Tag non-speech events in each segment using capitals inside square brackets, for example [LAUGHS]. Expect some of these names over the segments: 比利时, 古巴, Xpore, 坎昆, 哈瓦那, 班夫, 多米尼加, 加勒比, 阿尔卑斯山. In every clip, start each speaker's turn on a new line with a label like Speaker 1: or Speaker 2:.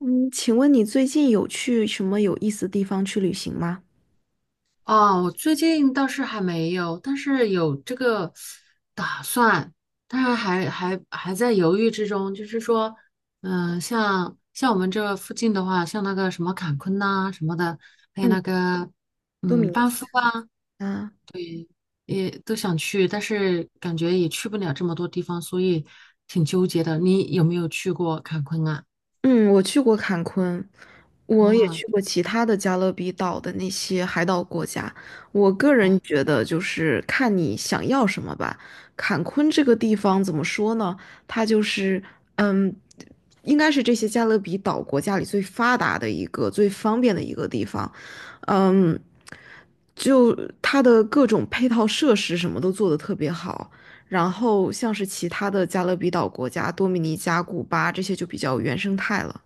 Speaker 1: 嗯，请问你最近有去什么有意思的地方去旅行吗？
Speaker 2: 哦，我最近倒是还没有，但是有这个打算，当然还在犹豫之中。就是说，像我们这附近的话，像那个什么坎昆呐、什么的，还有
Speaker 1: 嗯，
Speaker 2: 那个
Speaker 1: 多米
Speaker 2: 班
Speaker 1: 尼
Speaker 2: 夫啊，
Speaker 1: 加。
Speaker 2: 也都想去，但是感觉也去不了这么多地方，所以挺纠结的。你有没有去过坎昆啊？
Speaker 1: 嗯，我去过坎昆，我也
Speaker 2: 哇
Speaker 1: 去过其他的加勒比岛的那些海岛国家。我个人觉得，就是看你想要什么吧。坎昆这个地方怎么说呢？它就是，嗯，应该是这些加勒比岛国家里最发达的一个、最方便的一个地方。嗯，就它的各种配套设施什么都做得特别好。然后像是其他的加勒比岛国家，多米尼加、古巴这些就比较原生态了。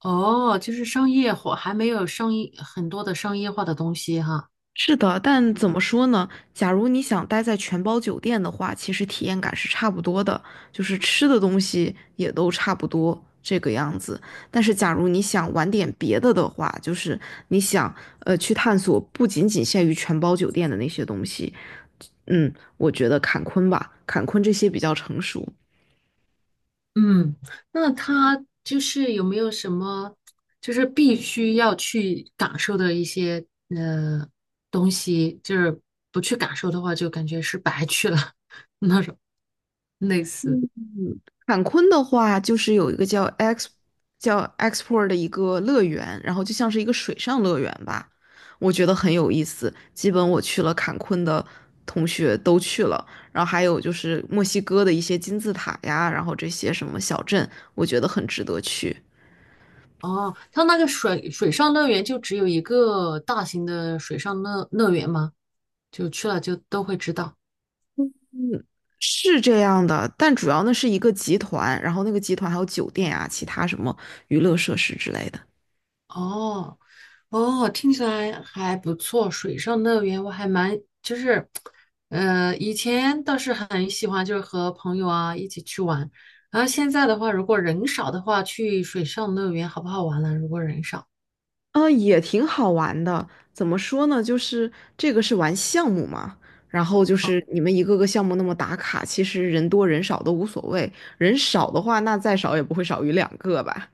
Speaker 2: 哦，就是商业化，还没有商业很多的商业化的东西哈。
Speaker 1: 是的，但怎么说呢？假如你想待在全包酒店的话，其实体验感是差不多的，就是吃的东西也都差不多这个样子。但是假如你想玩点别的的话，就是你想去探索不仅仅限于全包酒店的那些东西，嗯，我觉得坎昆吧，坎昆这些比较成熟。
Speaker 2: 嗯，那他就是有没有什么，就是必须要去感受的一些呃东西，就是不去感受的话，就感觉是白去了，[LAUGHS] 类似。
Speaker 1: 坎昆的话，就是有一个叫 X 叫 XPORE 的一个乐园，然后就像是一个水上乐园吧，我觉得很有意思。基本我去了坎昆的同学都去了，然后还有就是墨西哥的一些金字塔呀，然后这些什么小镇，我觉得很值得去。
Speaker 2: 哦，他那个水上乐园就只有一个大型的水上乐园吗？就去了就都会知道。
Speaker 1: 是这样的，但主要那是一个集团，然后那个集团还有酒店呀，其他什么娱乐设施之类的。
Speaker 2: 哦，哦，听起来还不错。水上乐园我还蛮就是，以前倒是很喜欢，就是和朋友啊一起去玩。然后现在的话，如果人少的话，去水上乐园好不好玩呢？如果人少。啊。
Speaker 1: 也挺好玩的。怎么说呢？就是这个是玩项目嘛，然后就是你们一个个项目那么打卡，其实人多人少都无所谓。人少的话，那再少也不会少于两个吧？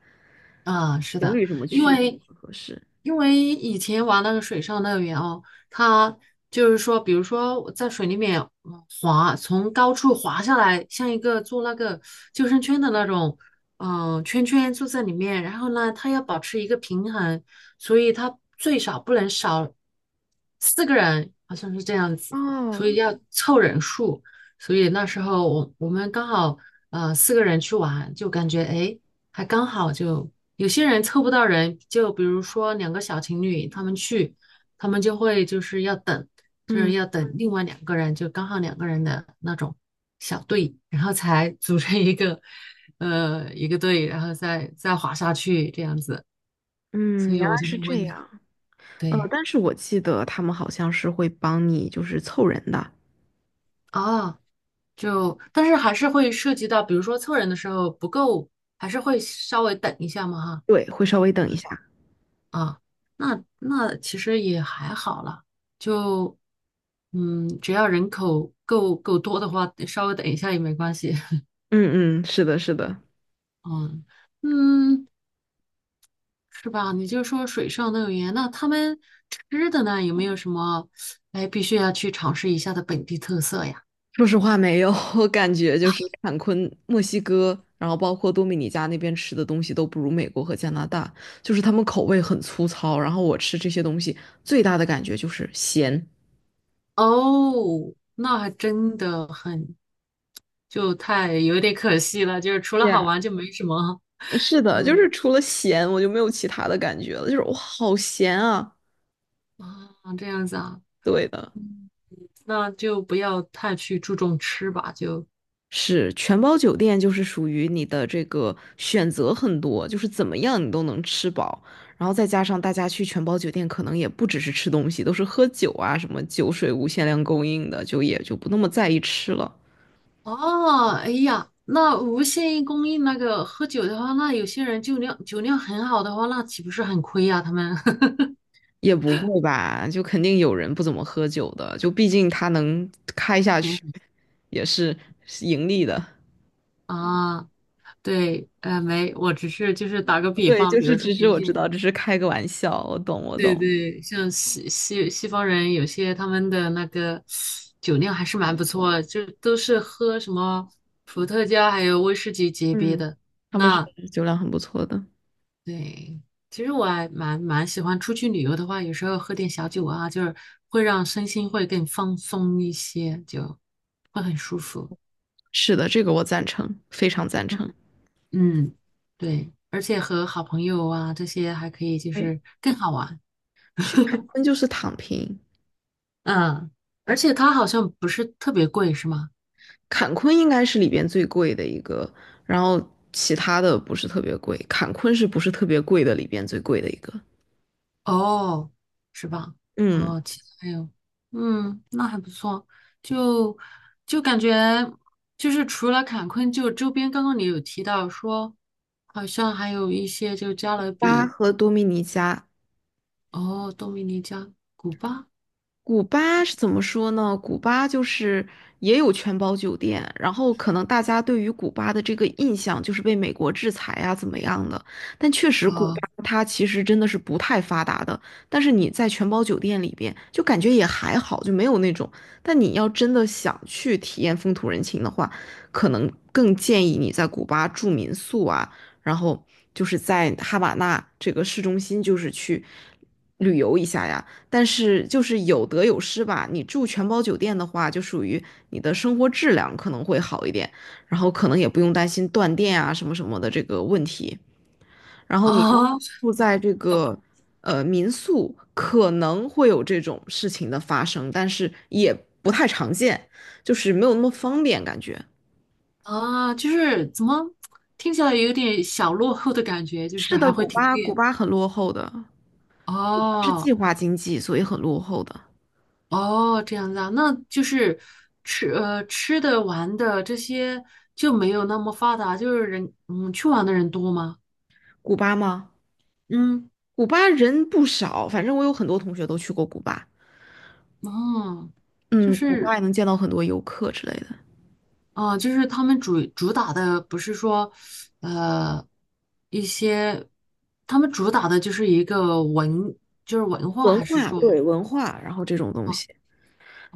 Speaker 2: 啊，是
Speaker 1: 情
Speaker 2: 的，
Speaker 1: 侣什么
Speaker 2: 因
Speaker 1: 去也
Speaker 2: 为
Speaker 1: 不合适。
Speaker 2: 因为以前玩那个水上乐园哦，它就是说，比如说我在水里面滑，从高处滑下来，像一个做那个救生圈的那种，圈圈坐在里面，然后呢，它要保持一个平衡，所以它最少不能少四个人，好像是这样子，
Speaker 1: 哦，
Speaker 2: 所以要凑人数，所以那时候我们刚好四个人去玩，就感觉哎。诶还刚好就有些人凑不到人，就比如说两个小情侣，他们去，他们就会就是要等，就
Speaker 1: 嗯
Speaker 2: 是要等另外两个人，就刚好两个人的那种小队，然后才组成一个一个队，然后再滑下去这样子。
Speaker 1: 嗯，
Speaker 2: 所
Speaker 1: 原
Speaker 2: 以
Speaker 1: 来
Speaker 2: 我就
Speaker 1: 是
Speaker 2: 会问
Speaker 1: 这
Speaker 2: 你，
Speaker 1: 样。
Speaker 2: 对
Speaker 1: 但是我记得他们好像是会帮你就是凑人的，
Speaker 2: 啊，就但是还是会涉及到，比如说凑人的时候不够，还是会稍微等一下嘛哈。
Speaker 1: 对，会稍微等一下。
Speaker 2: 啊，那其实也还好了，就只要人口够多的话，稍微等一下也没关系。[LAUGHS]
Speaker 1: 嗯嗯，是的，是的。
Speaker 2: 嗯嗯，是吧？你就说水上乐园，那他们吃的呢，有没有什么哎必须要去尝试一下的本地特色呀？
Speaker 1: 说实话，没有，[LAUGHS] 我感觉就是坎昆、墨西哥，然后包括多米尼加那边吃的东西都不如美国和加拿大，就是他们口味很粗糙。然后我吃这些东西最大的感觉就是咸。
Speaker 2: 哦，那还真的很，就太有点可惜了，就是除了
Speaker 1: 对，
Speaker 2: 好玩就没什么，[LAUGHS]
Speaker 1: 是
Speaker 2: 就
Speaker 1: 的，就
Speaker 2: 没
Speaker 1: 是除了咸，我就没有其他的感觉了，就是我好咸啊！
Speaker 2: 啊，这样子啊。
Speaker 1: 对的。
Speaker 2: 嗯那就不要太去注重吃吧，就
Speaker 1: 是全包酒店，就是属于你的这个选择很多，就是怎么样你都能吃饱。然后再加上大家去全包酒店，可能也不只是吃东西，都是喝酒啊，什么酒水无限量供应的，就也就不那么在意吃了。
Speaker 2: 哦，哎呀，那无限供应那个喝酒的话，那有些人酒量很好的话，那岂不是很亏呀、他们 [LAUGHS]
Speaker 1: 也不会吧，就肯定有人不怎么喝酒的，就毕竟他能开下去也是盈利的。
Speaker 2: 啊，对，没，我只是就是打个
Speaker 1: [LAUGHS]
Speaker 2: 比
Speaker 1: 对，
Speaker 2: 方，
Speaker 1: 就
Speaker 2: 比
Speaker 1: 是
Speaker 2: 如说
Speaker 1: 只是
Speaker 2: 有
Speaker 1: 我知
Speaker 2: 些
Speaker 1: 道，只是开个玩笑，我懂，我
Speaker 2: 对
Speaker 1: 懂。
Speaker 2: 对，像西方人，有些他们的那个酒量还是蛮不错的，就都是喝什么伏特加还有威士忌级别
Speaker 1: 嗯，
Speaker 2: 的。
Speaker 1: 他们是
Speaker 2: 那
Speaker 1: 酒量很不错的。
Speaker 2: 对，其实我还蛮喜欢出去旅游的话，有时候喝点小酒啊，就是会让身心会更放松一些，就会很舒服。
Speaker 1: 是的，这个我赞成，非常赞
Speaker 2: 嗯，
Speaker 1: 成。
Speaker 2: 嗯，对，而且和好朋友啊这些还可以，就
Speaker 1: 对，
Speaker 2: 是更好玩。
Speaker 1: 去坎
Speaker 2: [LAUGHS]
Speaker 1: 昆就是躺平。
Speaker 2: 嗯，而且它好像不是特别贵，是吗？
Speaker 1: 坎昆应该是里边最贵的一个，然后其他的不是特别贵，坎昆是不是特别贵的里边最贵的一个？
Speaker 2: 哦，是吧？
Speaker 1: 嗯。
Speaker 2: 哦，其他还有，嗯，那还不错，就就感觉就是除了坎昆，就周边刚刚你有提到说，好像还有一些就加勒
Speaker 1: 巴
Speaker 2: 比，
Speaker 1: 和多米尼加。
Speaker 2: 哦，多米尼加、古巴
Speaker 1: 古巴是怎么说呢？古巴就是也有全包酒店，然后可能大家对于古巴的这个印象就是被美国制裁啊怎么样的，但确实古巴
Speaker 2: 啊
Speaker 1: 它其实真的是不太发达的，但是你在全包酒店里边就感觉也还好，就没有那种。但你要真的想去体验风土人情的话，可能更建议你在古巴住民宿啊，然后就是在哈瓦那这个市中心就是去旅游一下呀。但是就是有得有失吧。你住全包酒店的话，就属于你的生活质量可能会好一点，然后可能也不用担心断电啊什么什么的这个问题。然后你要
Speaker 2: 啊
Speaker 1: 住在这个民宿，可能会有这种事情的发生，但是也不太常见，就是没有那么方便感觉。
Speaker 2: 啊，就是怎么听起来有点小落后的感觉，就
Speaker 1: 是
Speaker 2: 是
Speaker 1: 的，
Speaker 2: 还会
Speaker 1: 古
Speaker 2: 停
Speaker 1: 巴古
Speaker 2: 电
Speaker 1: 巴很落后的，是计
Speaker 2: 哦
Speaker 1: 划经济，所以很落后的。
Speaker 2: 哦，这样子啊，那就是吃吃的玩的这些就没有那么发达，就是人去玩的人多吗？
Speaker 1: 古巴吗？
Speaker 2: 嗯，
Speaker 1: 古巴人不少，反正我有很多同学都去过古巴。
Speaker 2: 哦，就
Speaker 1: 嗯，古巴
Speaker 2: 是
Speaker 1: 也能见到很多游客之类的。
Speaker 2: 啊、就是他们主打的不是说呃一些，他们主打的就是一个文，就是文化，
Speaker 1: 文
Speaker 2: 还是
Speaker 1: 化，
Speaker 2: 说
Speaker 1: 对文化，然后这种东
Speaker 2: 哇
Speaker 1: 西，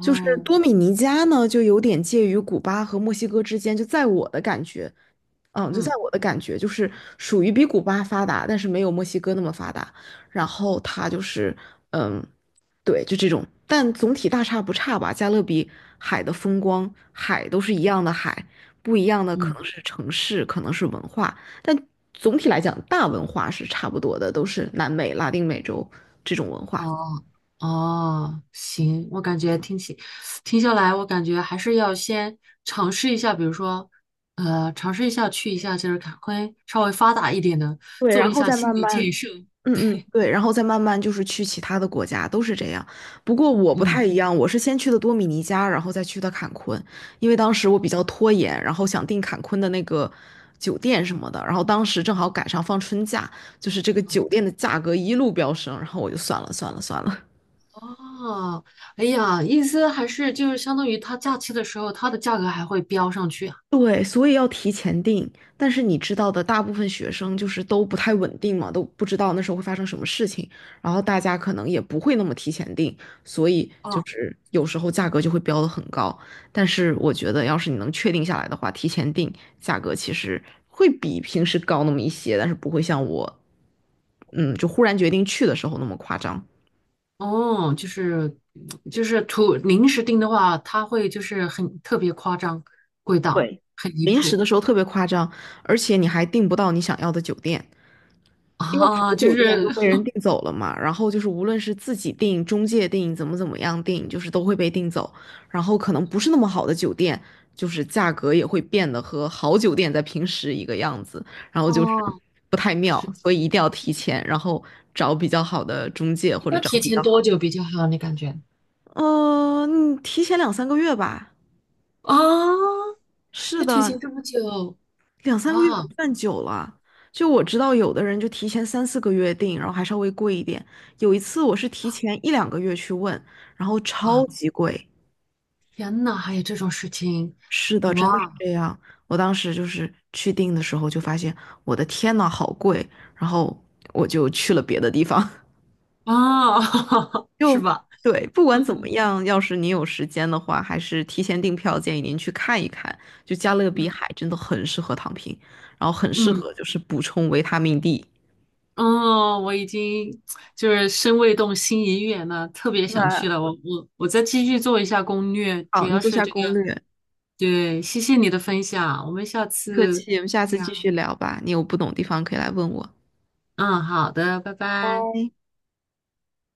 Speaker 1: 就是多米尼加呢，就有点介于古巴和墨西哥之间，就在我的感觉，嗯，就在
Speaker 2: 嗯
Speaker 1: 我的感觉，就是属于比古巴发达，但是没有墨西哥那么发达。然后它就是，嗯，对，就这种，但总体大差不差吧。加勒比海的风光，海都是一样的海，不一样的可
Speaker 2: 嗯。
Speaker 1: 能是城市，可能是文化，但总体来讲，大文化是差不多的，都是南美、拉丁美洲这种文化。
Speaker 2: 哦哦，行，我感觉听下来，我感觉还是要先尝试一下，比如说，尝试一下去一下就是坎昆稍微发达一点的，
Speaker 1: 对，
Speaker 2: 做
Speaker 1: 然
Speaker 2: 一
Speaker 1: 后
Speaker 2: 下
Speaker 1: 再
Speaker 2: 心
Speaker 1: 慢
Speaker 2: 理
Speaker 1: 慢。
Speaker 2: 建设。
Speaker 1: 嗯嗯，对，然后再慢慢就是去其他的国家，都是这样。不过我不
Speaker 2: 嗯，
Speaker 1: 太一样，我是先去的多米尼加，然后再去的坎昆，因为当时我比较拖延，然后想订坎昆的那个酒店什么的，然后当时正好赶上放春假，就是这个酒店的价格一路飙升，然后我就算了算了算了。
Speaker 2: 哦，哎呀，意思还是就是相当于它假期的时候，它的价格还会飙上去啊。
Speaker 1: 对，所以要提前订。但是你知道的，大部分学生就是都不太稳定嘛，都不知道那时候会发生什么事情，然后大家可能也不会那么提前订，所以就
Speaker 2: 哦，
Speaker 1: 是有时候价格就会标的很高。但是我觉得，要是你能确定下来的话，提前订价格其实会比平时高那么一些，但是不会像我，嗯，就忽然决定去的时候那么夸张。
Speaker 2: 哦，就是图临时订的话，它会就是很特别夸张，贵到
Speaker 1: 对，
Speaker 2: 很离
Speaker 1: 临时
Speaker 2: 谱
Speaker 1: 的时候特别夸张，而且你还订不到你想要的酒店。因为好
Speaker 2: 啊，就
Speaker 1: 酒店都
Speaker 2: 是
Speaker 1: 被人订走了嘛，然后就是无论是自己订、中介订、怎么怎么样订，就是都会被订走。然后可能不是那么好的酒店，就是价格也会变得和好酒店在平时一个样子，然后就是
Speaker 2: 哦。
Speaker 1: 不太妙，所以一定要提前，然后找比较好的中介
Speaker 2: 一
Speaker 1: 或者
Speaker 2: 般
Speaker 1: 找
Speaker 2: 提
Speaker 1: 比
Speaker 2: 前
Speaker 1: 较
Speaker 2: 多
Speaker 1: 好
Speaker 2: 久
Speaker 1: 的。
Speaker 2: 比较好？你感觉
Speaker 1: 提前两三个月吧。
Speaker 2: 啊，
Speaker 1: 是
Speaker 2: 要提
Speaker 1: 的，
Speaker 2: 前这么久？
Speaker 1: 两三个月不
Speaker 2: 哇
Speaker 1: 算久了。就我知道，有的人就提前三四个月订，然后还稍微贵一点。有一次我是提前一两个月去问，然后超
Speaker 2: 啊，
Speaker 1: 级贵。
Speaker 2: 天呐，还有这种事情？
Speaker 1: 是的，真的是
Speaker 2: 哇
Speaker 1: 这样。我当时就是去订的时候就发现，我的天呐，好贵！然后我就去了别的地方。[LAUGHS]
Speaker 2: 啊，[LAUGHS] 是
Speaker 1: 就
Speaker 2: 吧？
Speaker 1: 对，不管怎么样，要是你有时间的话，还是提前订票，建议您去看一看。就加勒
Speaker 2: 嗯
Speaker 1: 比海真的很适合躺平，然后很适
Speaker 2: 嗯，
Speaker 1: 合就是补充维他命 D。
Speaker 2: 哦，我已经就是身未动，心已远了，特别想
Speaker 1: 对，
Speaker 2: 去了。我再继续做一下攻略，主
Speaker 1: 好，你
Speaker 2: 要
Speaker 1: 做
Speaker 2: 是
Speaker 1: 下
Speaker 2: 这
Speaker 1: 攻
Speaker 2: 个。
Speaker 1: 略，
Speaker 2: 对，谢谢你的分享，我们下
Speaker 1: 客
Speaker 2: 次
Speaker 1: 气，我们下
Speaker 2: 再
Speaker 1: 次继
Speaker 2: 聊。
Speaker 1: 续聊吧。你有不懂的地方可以来问我。
Speaker 2: 嗯，好的，拜拜。